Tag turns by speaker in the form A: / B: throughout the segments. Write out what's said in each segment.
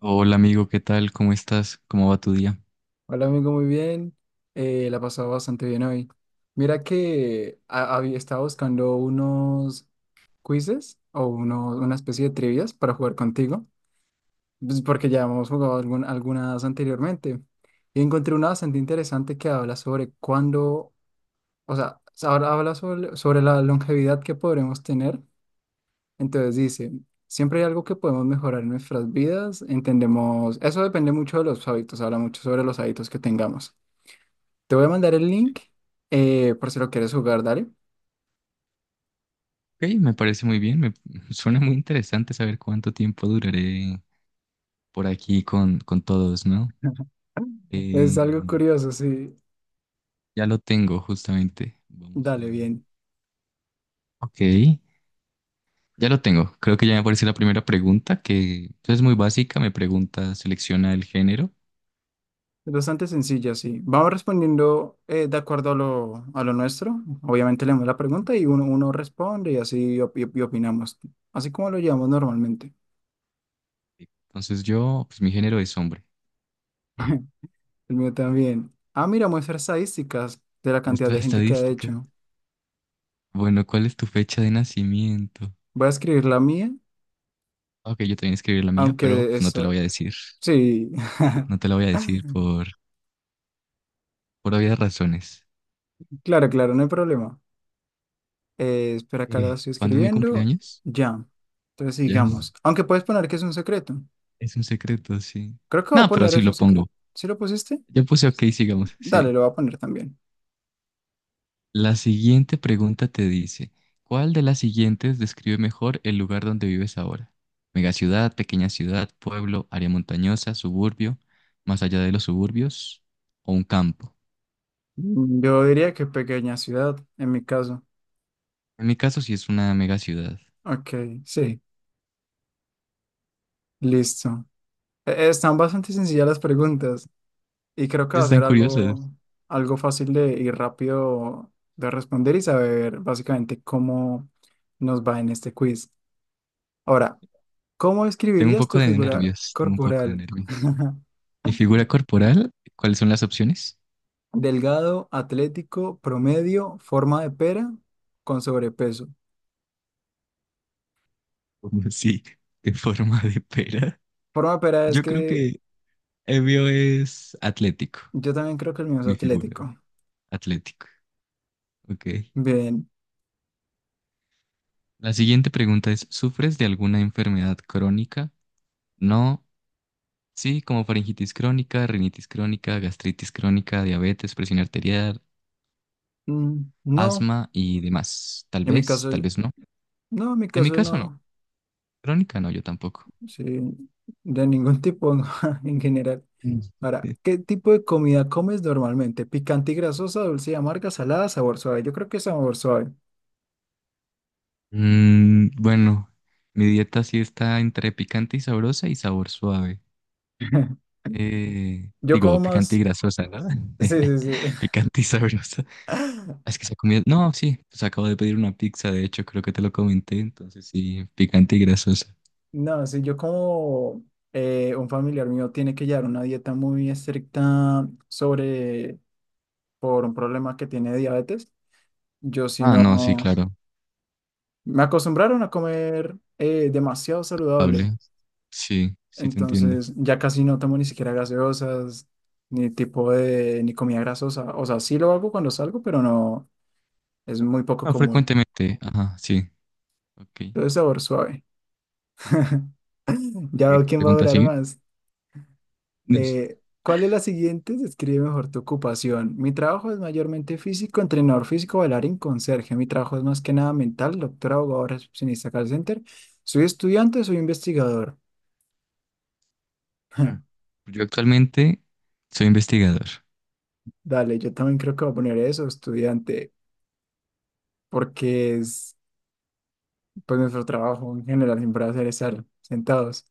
A: Hola amigo, ¿qué tal? ¿Cómo estás? ¿Cómo va tu día?
B: Hola amigo, muy bien. La he pasado bastante bien hoy. Mira que había estado buscando unos quizzes o una especie de trivias para jugar contigo, pues, porque ya hemos jugado algunas anteriormente. Y encontré una bastante interesante que habla sobre cuándo, o sea, ahora habla sobre la longevidad que podremos tener. Entonces dice, siempre hay algo que podemos mejorar en nuestras vidas. Entendemos, eso depende mucho de los hábitos, habla mucho sobre los hábitos que tengamos. Te voy a
A: Pero-
B: mandar el
A: sí.
B: link por si lo quieres jugar, dale.
A: Ok, me parece muy bien, me suena muy interesante saber cuánto tiempo duraré por aquí con todos, ¿no?
B: Es
A: Eh,
B: algo curioso, sí.
A: ya lo tengo justamente, vamos
B: Dale,
A: a.
B: bien.
A: Ok, ya lo tengo, creo que ya me aparece la primera pregunta, que pues, es muy básica, me pregunta, selecciona el género,
B: Es bastante sencilla, sí. Vamos respondiendo de acuerdo a lo nuestro. Obviamente leemos la pregunta y uno responde y así y opinamos. Así como lo llevamos normalmente.
A: entonces yo, pues mi género es hombre.
B: El mío también. Ah, mira, muestra estadísticas de la cantidad
A: Nuestra
B: de gente que ha
A: estadística.
B: hecho.
A: Bueno, ¿cuál es tu fecha de nacimiento?
B: Voy a escribir la mía,
A: Ok, yo también escribí la mía, pero
B: aunque
A: pues no
B: es.
A: te la voy a decir.
B: Sí,
A: No te lo voy a decir por obvias razones.
B: claro, claro, no hay problema. Espera, acá la estoy
A: ¿Cuándo es mi
B: escribiendo.
A: cumpleaños?
B: Ya. Entonces
A: Ya.
B: sigamos. Aunque puedes poner que es un secreto.
A: Es un secreto, sí.
B: Creo que voy a
A: No, pero
B: poner
A: sí
B: es un
A: lo pongo.
B: secreto. ¿Sí lo pusiste?
A: Yo puse ok, sigamos.
B: Dale,
A: Sí.
B: lo voy a poner también.
A: La siguiente pregunta te dice, ¿cuál de las siguientes describe mejor el lugar donde vives ahora? Megaciudad, pequeña ciudad, pueblo, área montañosa, suburbio, más allá de los suburbios o un campo.
B: Mm, yo diría que pequeña ciudad, en mi caso.
A: En mi caso sí es una megaciudad.
B: Ok, sí, listo. Están bastante sencillas las preguntas y creo que va a
A: Están
B: ser
A: curiosas.
B: algo, fácil y rápido de responder y saber básicamente cómo nos va en este quiz. Ahora, ¿cómo
A: Tengo un
B: escribirías
A: poco
B: tu
A: de
B: figura
A: nervios, tengo un poco de
B: corporal?
A: nervios. Mi figura corporal, ¿cuáles son las opciones?
B: Delgado, atlético, promedio, forma de pera, con sobrepeso.
A: Como sí, de forma de pera.
B: Forma de pera es
A: Yo
B: que
A: creo que Evio es atlético,
B: yo también creo que el mío es
A: mi figura,
B: atlético.
A: atlético. Ok.
B: Bien.
A: La siguiente pregunta es, ¿sufres de alguna enfermedad crónica? No. Sí, como faringitis crónica, rinitis crónica, gastritis crónica, diabetes, presión arterial,
B: Mm, no,
A: asma y demás.
B: en mi
A: Tal
B: caso,
A: vez no.
B: no, en mi
A: En mi
B: caso
A: caso no.
B: no.
A: Crónica no, yo tampoco.
B: Sí, de ningún tipo en general. Ahora, ¿qué tipo de comida comes normalmente? Picante y grasosa, dulce y amarga, salada, sabor suave. Yo creo que sabor suave.
A: Bueno, mi dieta sí está entre picante y sabrosa y sabor suave.
B: Yo como
A: Digo, picante y
B: más.
A: grasosa, ¿no?
B: Sí, sí, sí.
A: Picante y sabrosa. Ah, es que se ha comido. No, sí, pues acabo de pedir una pizza, de hecho, creo que te lo comenté, entonces sí, picante y grasosa.
B: No, sí, yo como un familiar mío tiene que llevar una dieta muy estricta sobre por un problema que tiene de diabetes. Yo si
A: Ah, no, sí,
B: no,
A: claro,
B: me acostumbraron a comer demasiado saludable.
A: hable. Sí, sí te entiendo.
B: Entonces ya casi no tomo ni siquiera gaseosas, ni tipo de, ni comida grasosa. O sea, sí lo hago cuando salgo, pero no, es muy poco
A: Ah,
B: común.
A: frecuentemente, ajá, sí, ok.
B: Todo es sabor suave. Ya veo
A: ¿Qué
B: quién va a
A: pregunta
B: durar
A: sigue?
B: más.
A: Yes.
B: ¿Cuál es la siguiente? Describe mejor tu ocupación. Mi trabajo es mayormente físico, entrenador físico, bailarín, conserje. Mi trabajo es más que nada mental, doctor, abogado, recepcionista, call center. Soy estudiante, soy investigador.
A: Ah. Yo actualmente soy investigador.
B: Dale, yo también creo que voy a poner eso, estudiante, porque es pues nuestro trabajo en general siempre va a ser estar sentados.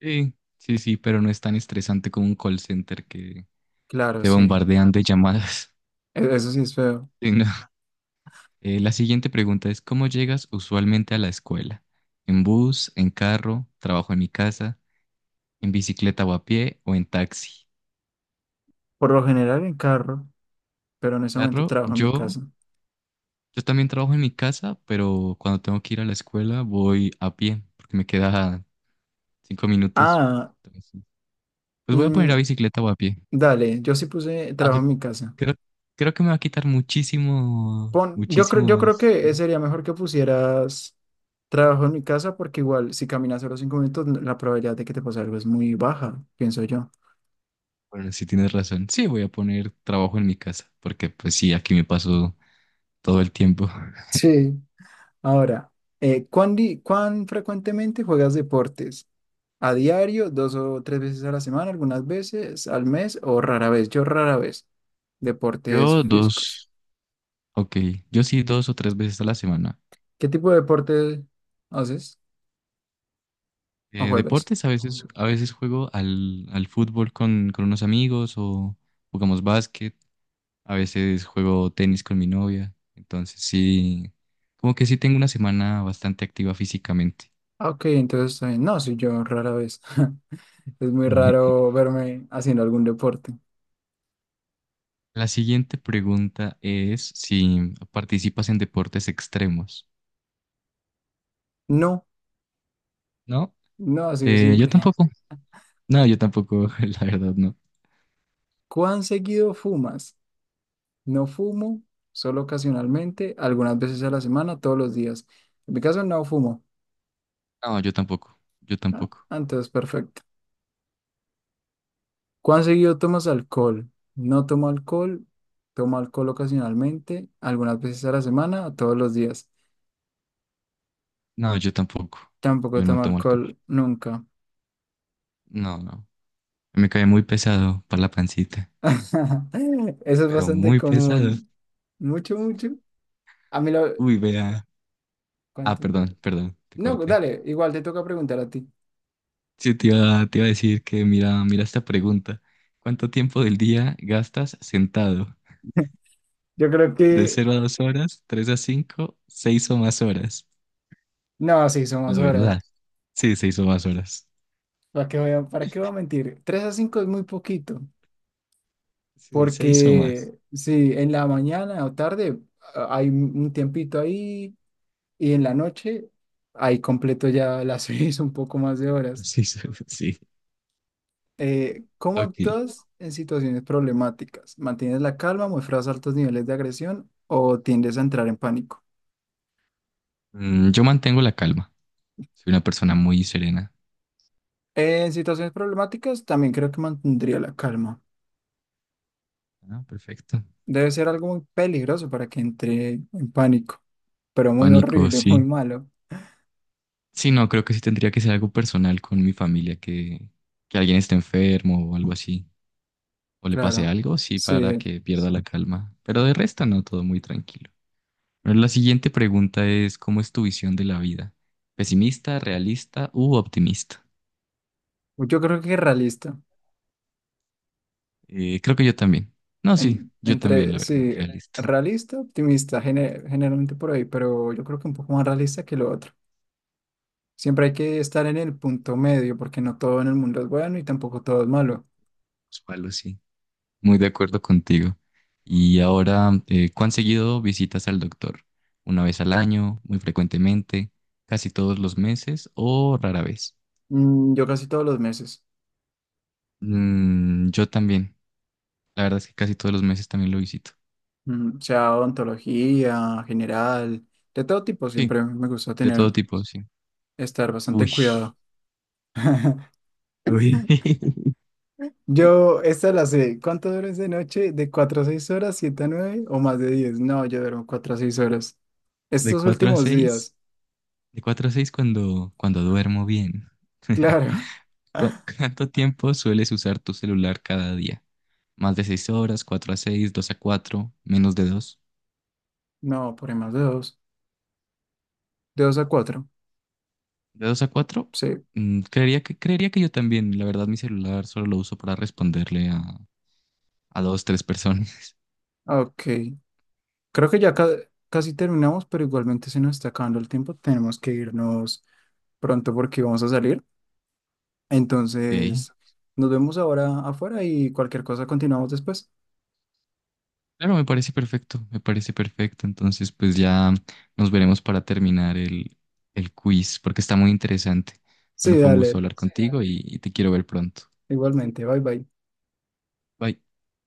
A: Sí, sí, sí, pero no es tan estresante como un call center que
B: Claro,
A: te
B: sí.
A: bombardean de llamadas.
B: Eso sí es feo.
A: Sí, no. La siguiente pregunta es, ¿cómo llegas usualmente a la escuela? ¿En bus, en carro, trabajo en mi casa, en bicicleta o a pie o en taxi?
B: Por lo general en carro, pero en ese momento
A: Carro,
B: trabajo en mi
A: yo,
B: casa.
A: yo también trabajo en mi casa, pero cuando tengo que ir a la escuela voy a pie, porque me queda 5 minutos.
B: Ah,
A: Entonces, pues voy a
B: mm,
A: poner a bicicleta o a pie.
B: dale, yo sí puse trabajo
A: Aunque
B: en mi casa.
A: Creo, creo que me va a quitar muchísimo,
B: Pon, yo creo
A: muchísimos,
B: que
A: muchísimos.
B: sería mejor que pusieras trabajo en mi casa porque igual si caminas solo 5 minutos la probabilidad de que te pase algo es muy baja, pienso yo.
A: Bueno, sí tienes razón. Sí, voy a poner trabajo en mi casa, porque pues sí, aquí me paso todo el tiempo.
B: Sí. Ahora, ¿cuán frecuentemente juegas deportes? ¿A diario, dos o tres veces a la semana, algunas veces al mes o rara vez? Yo rara vez. Deportes
A: Yo
B: físicos.
A: dos, ok, yo sí 2 o 3 veces a la semana.
B: ¿Qué tipo de deporte haces o juegas?
A: Deportes, a veces juego al fútbol con unos amigos o jugamos básquet, a veces juego tenis con mi novia. Entonces sí, como que sí tengo una semana bastante activa físicamente.
B: Ah, ok, entonces, no, sí, yo rara vez. Es muy raro verme haciendo algún deporte.
A: La siguiente pregunta es si participas en deportes extremos,
B: No,
A: ¿no?
B: no, así de
A: Yo
B: simple.
A: tampoco, no, yo tampoco, la verdad, no.
B: ¿Cuán seguido fumas? No fumo, solo ocasionalmente, algunas veces a la semana, todos los días. En mi caso no fumo.
A: No, yo tampoco, yo
B: Ah,
A: tampoco.
B: entonces, perfecto. ¿Cuán seguido tomas alcohol? No tomo alcohol, tomo alcohol ocasionalmente, algunas veces a la semana, todos los días.
A: No, yo tampoco.
B: Tampoco
A: Yo no
B: tomo
A: tomo alcohol.
B: alcohol nunca.
A: No, no. Me cae muy pesado para la pancita,
B: Eso es
A: pero
B: bastante
A: muy pesado.
B: común. Mucho, mucho. A mí lo.
A: Uy, vea. Ah,
B: ¿Cuánto?
A: perdón, perdón, te
B: No,
A: corté.
B: dale, igual te toca preguntar a ti.
A: Sí, te iba a decir que mira, mira esta pregunta. ¿Cuánto tiempo del día gastas sentado?
B: Yo creo
A: ¿De
B: que,
A: 0 a 2 horas, 3 a 5, 6 o más horas?
B: no, sí, somos
A: La
B: horas.
A: verdad. Sí, 6 o más horas.
B: ¿Para qué voy a, para qué voy a mentir? 3 a 5 es muy poquito,
A: Sí, 6 o más.
B: porque sí, en la mañana o tarde hay un tiempito ahí y en la noche ahí completo ya las seis, un poco más de horas.
A: Sí, sí.
B: ¿Cómo
A: Ok.
B: actúas en situaciones problemáticas? ¿Mantienes la calma, muestras altos niveles de agresión o tiendes a entrar en pánico?
A: Yo mantengo la calma. Soy una persona muy serena.
B: En situaciones problemáticas también creo que mantendría la calma.
A: Ah, perfecto.
B: Debe ser algo muy peligroso para que entre en pánico, pero
A: El
B: muy
A: pánico,
B: horrible, muy
A: sí.
B: malo.
A: Sí, no, creo que sí tendría que ser algo personal con mi familia, que alguien esté enfermo o algo así, o le
B: Claro,
A: pase algo, sí, para
B: sí.
A: que pierda la calma. Pero de resto, no, todo muy tranquilo. Bueno, la siguiente pregunta es, ¿cómo es tu visión de la vida? ¿Pesimista, realista u optimista?
B: Yo creo que realista.
A: Creo que yo también. No, sí,
B: En-
A: yo también,
B: entre,
A: la verdad,
B: sí,
A: realista.
B: realista, optimista, generalmente por ahí, pero yo creo que un poco más realista que lo otro. Siempre hay que estar en el punto medio, porque no todo en el mundo es bueno y tampoco todo es malo.
A: Los palos, sí. Muy de acuerdo contigo. Y ahora, ¿cuán seguido visitas al doctor? ¿Una vez al año, muy frecuentemente, casi todos los meses o rara vez?
B: Mm, yo casi todos los meses,
A: Yo también. La verdad es que casi todos los meses también lo visito.
B: sea odontología, general, de todo tipo,
A: Sí,
B: siempre me gusta
A: de
B: tener,
A: todo tipo, sí.
B: estar bastante
A: Uy,
B: cuidado.
A: uy.
B: Yo, esta la sé. ¿Cuánto duermes de noche? ¿De 4 a 6 horas, 7, a nueve o más de diez? No, yo duermo 4 a 6 horas.
A: De
B: Estos
A: 4 a
B: últimos
A: 6
B: días,
A: de cuatro a 6 cuando duermo bien.
B: claro.
A: ¿Cu- ¿Cuánto tiempo sueles usar tu celular cada día? ¿Más de 6 horas, 4 a 6, 2 a 4, menos de 2?
B: No, por ahí más de dos, de 2 a cuatro.
A: De 2 a 4,
B: Sí.
A: creería que yo también. La verdad, mi celular solo lo uso para responderle a dos, tres personas.
B: Ah, ok. Creo que ya casi terminamos, pero igualmente se nos está acabando el tiempo. Tenemos que irnos pronto porque vamos a salir.
A: Ok.
B: Entonces, nos vemos ahora afuera y cualquier cosa continuamos después.
A: Claro, me parece perfecto, me parece perfecto. Entonces, pues ya nos veremos para terminar el quiz, porque está muy interesante.
B: Sí,
A: Bueno, fue un gusto
B: dale.
A: hablar, sí, contigo y te quiero ver pronto.
B: Igualmente. Bye bye.
A: Bye.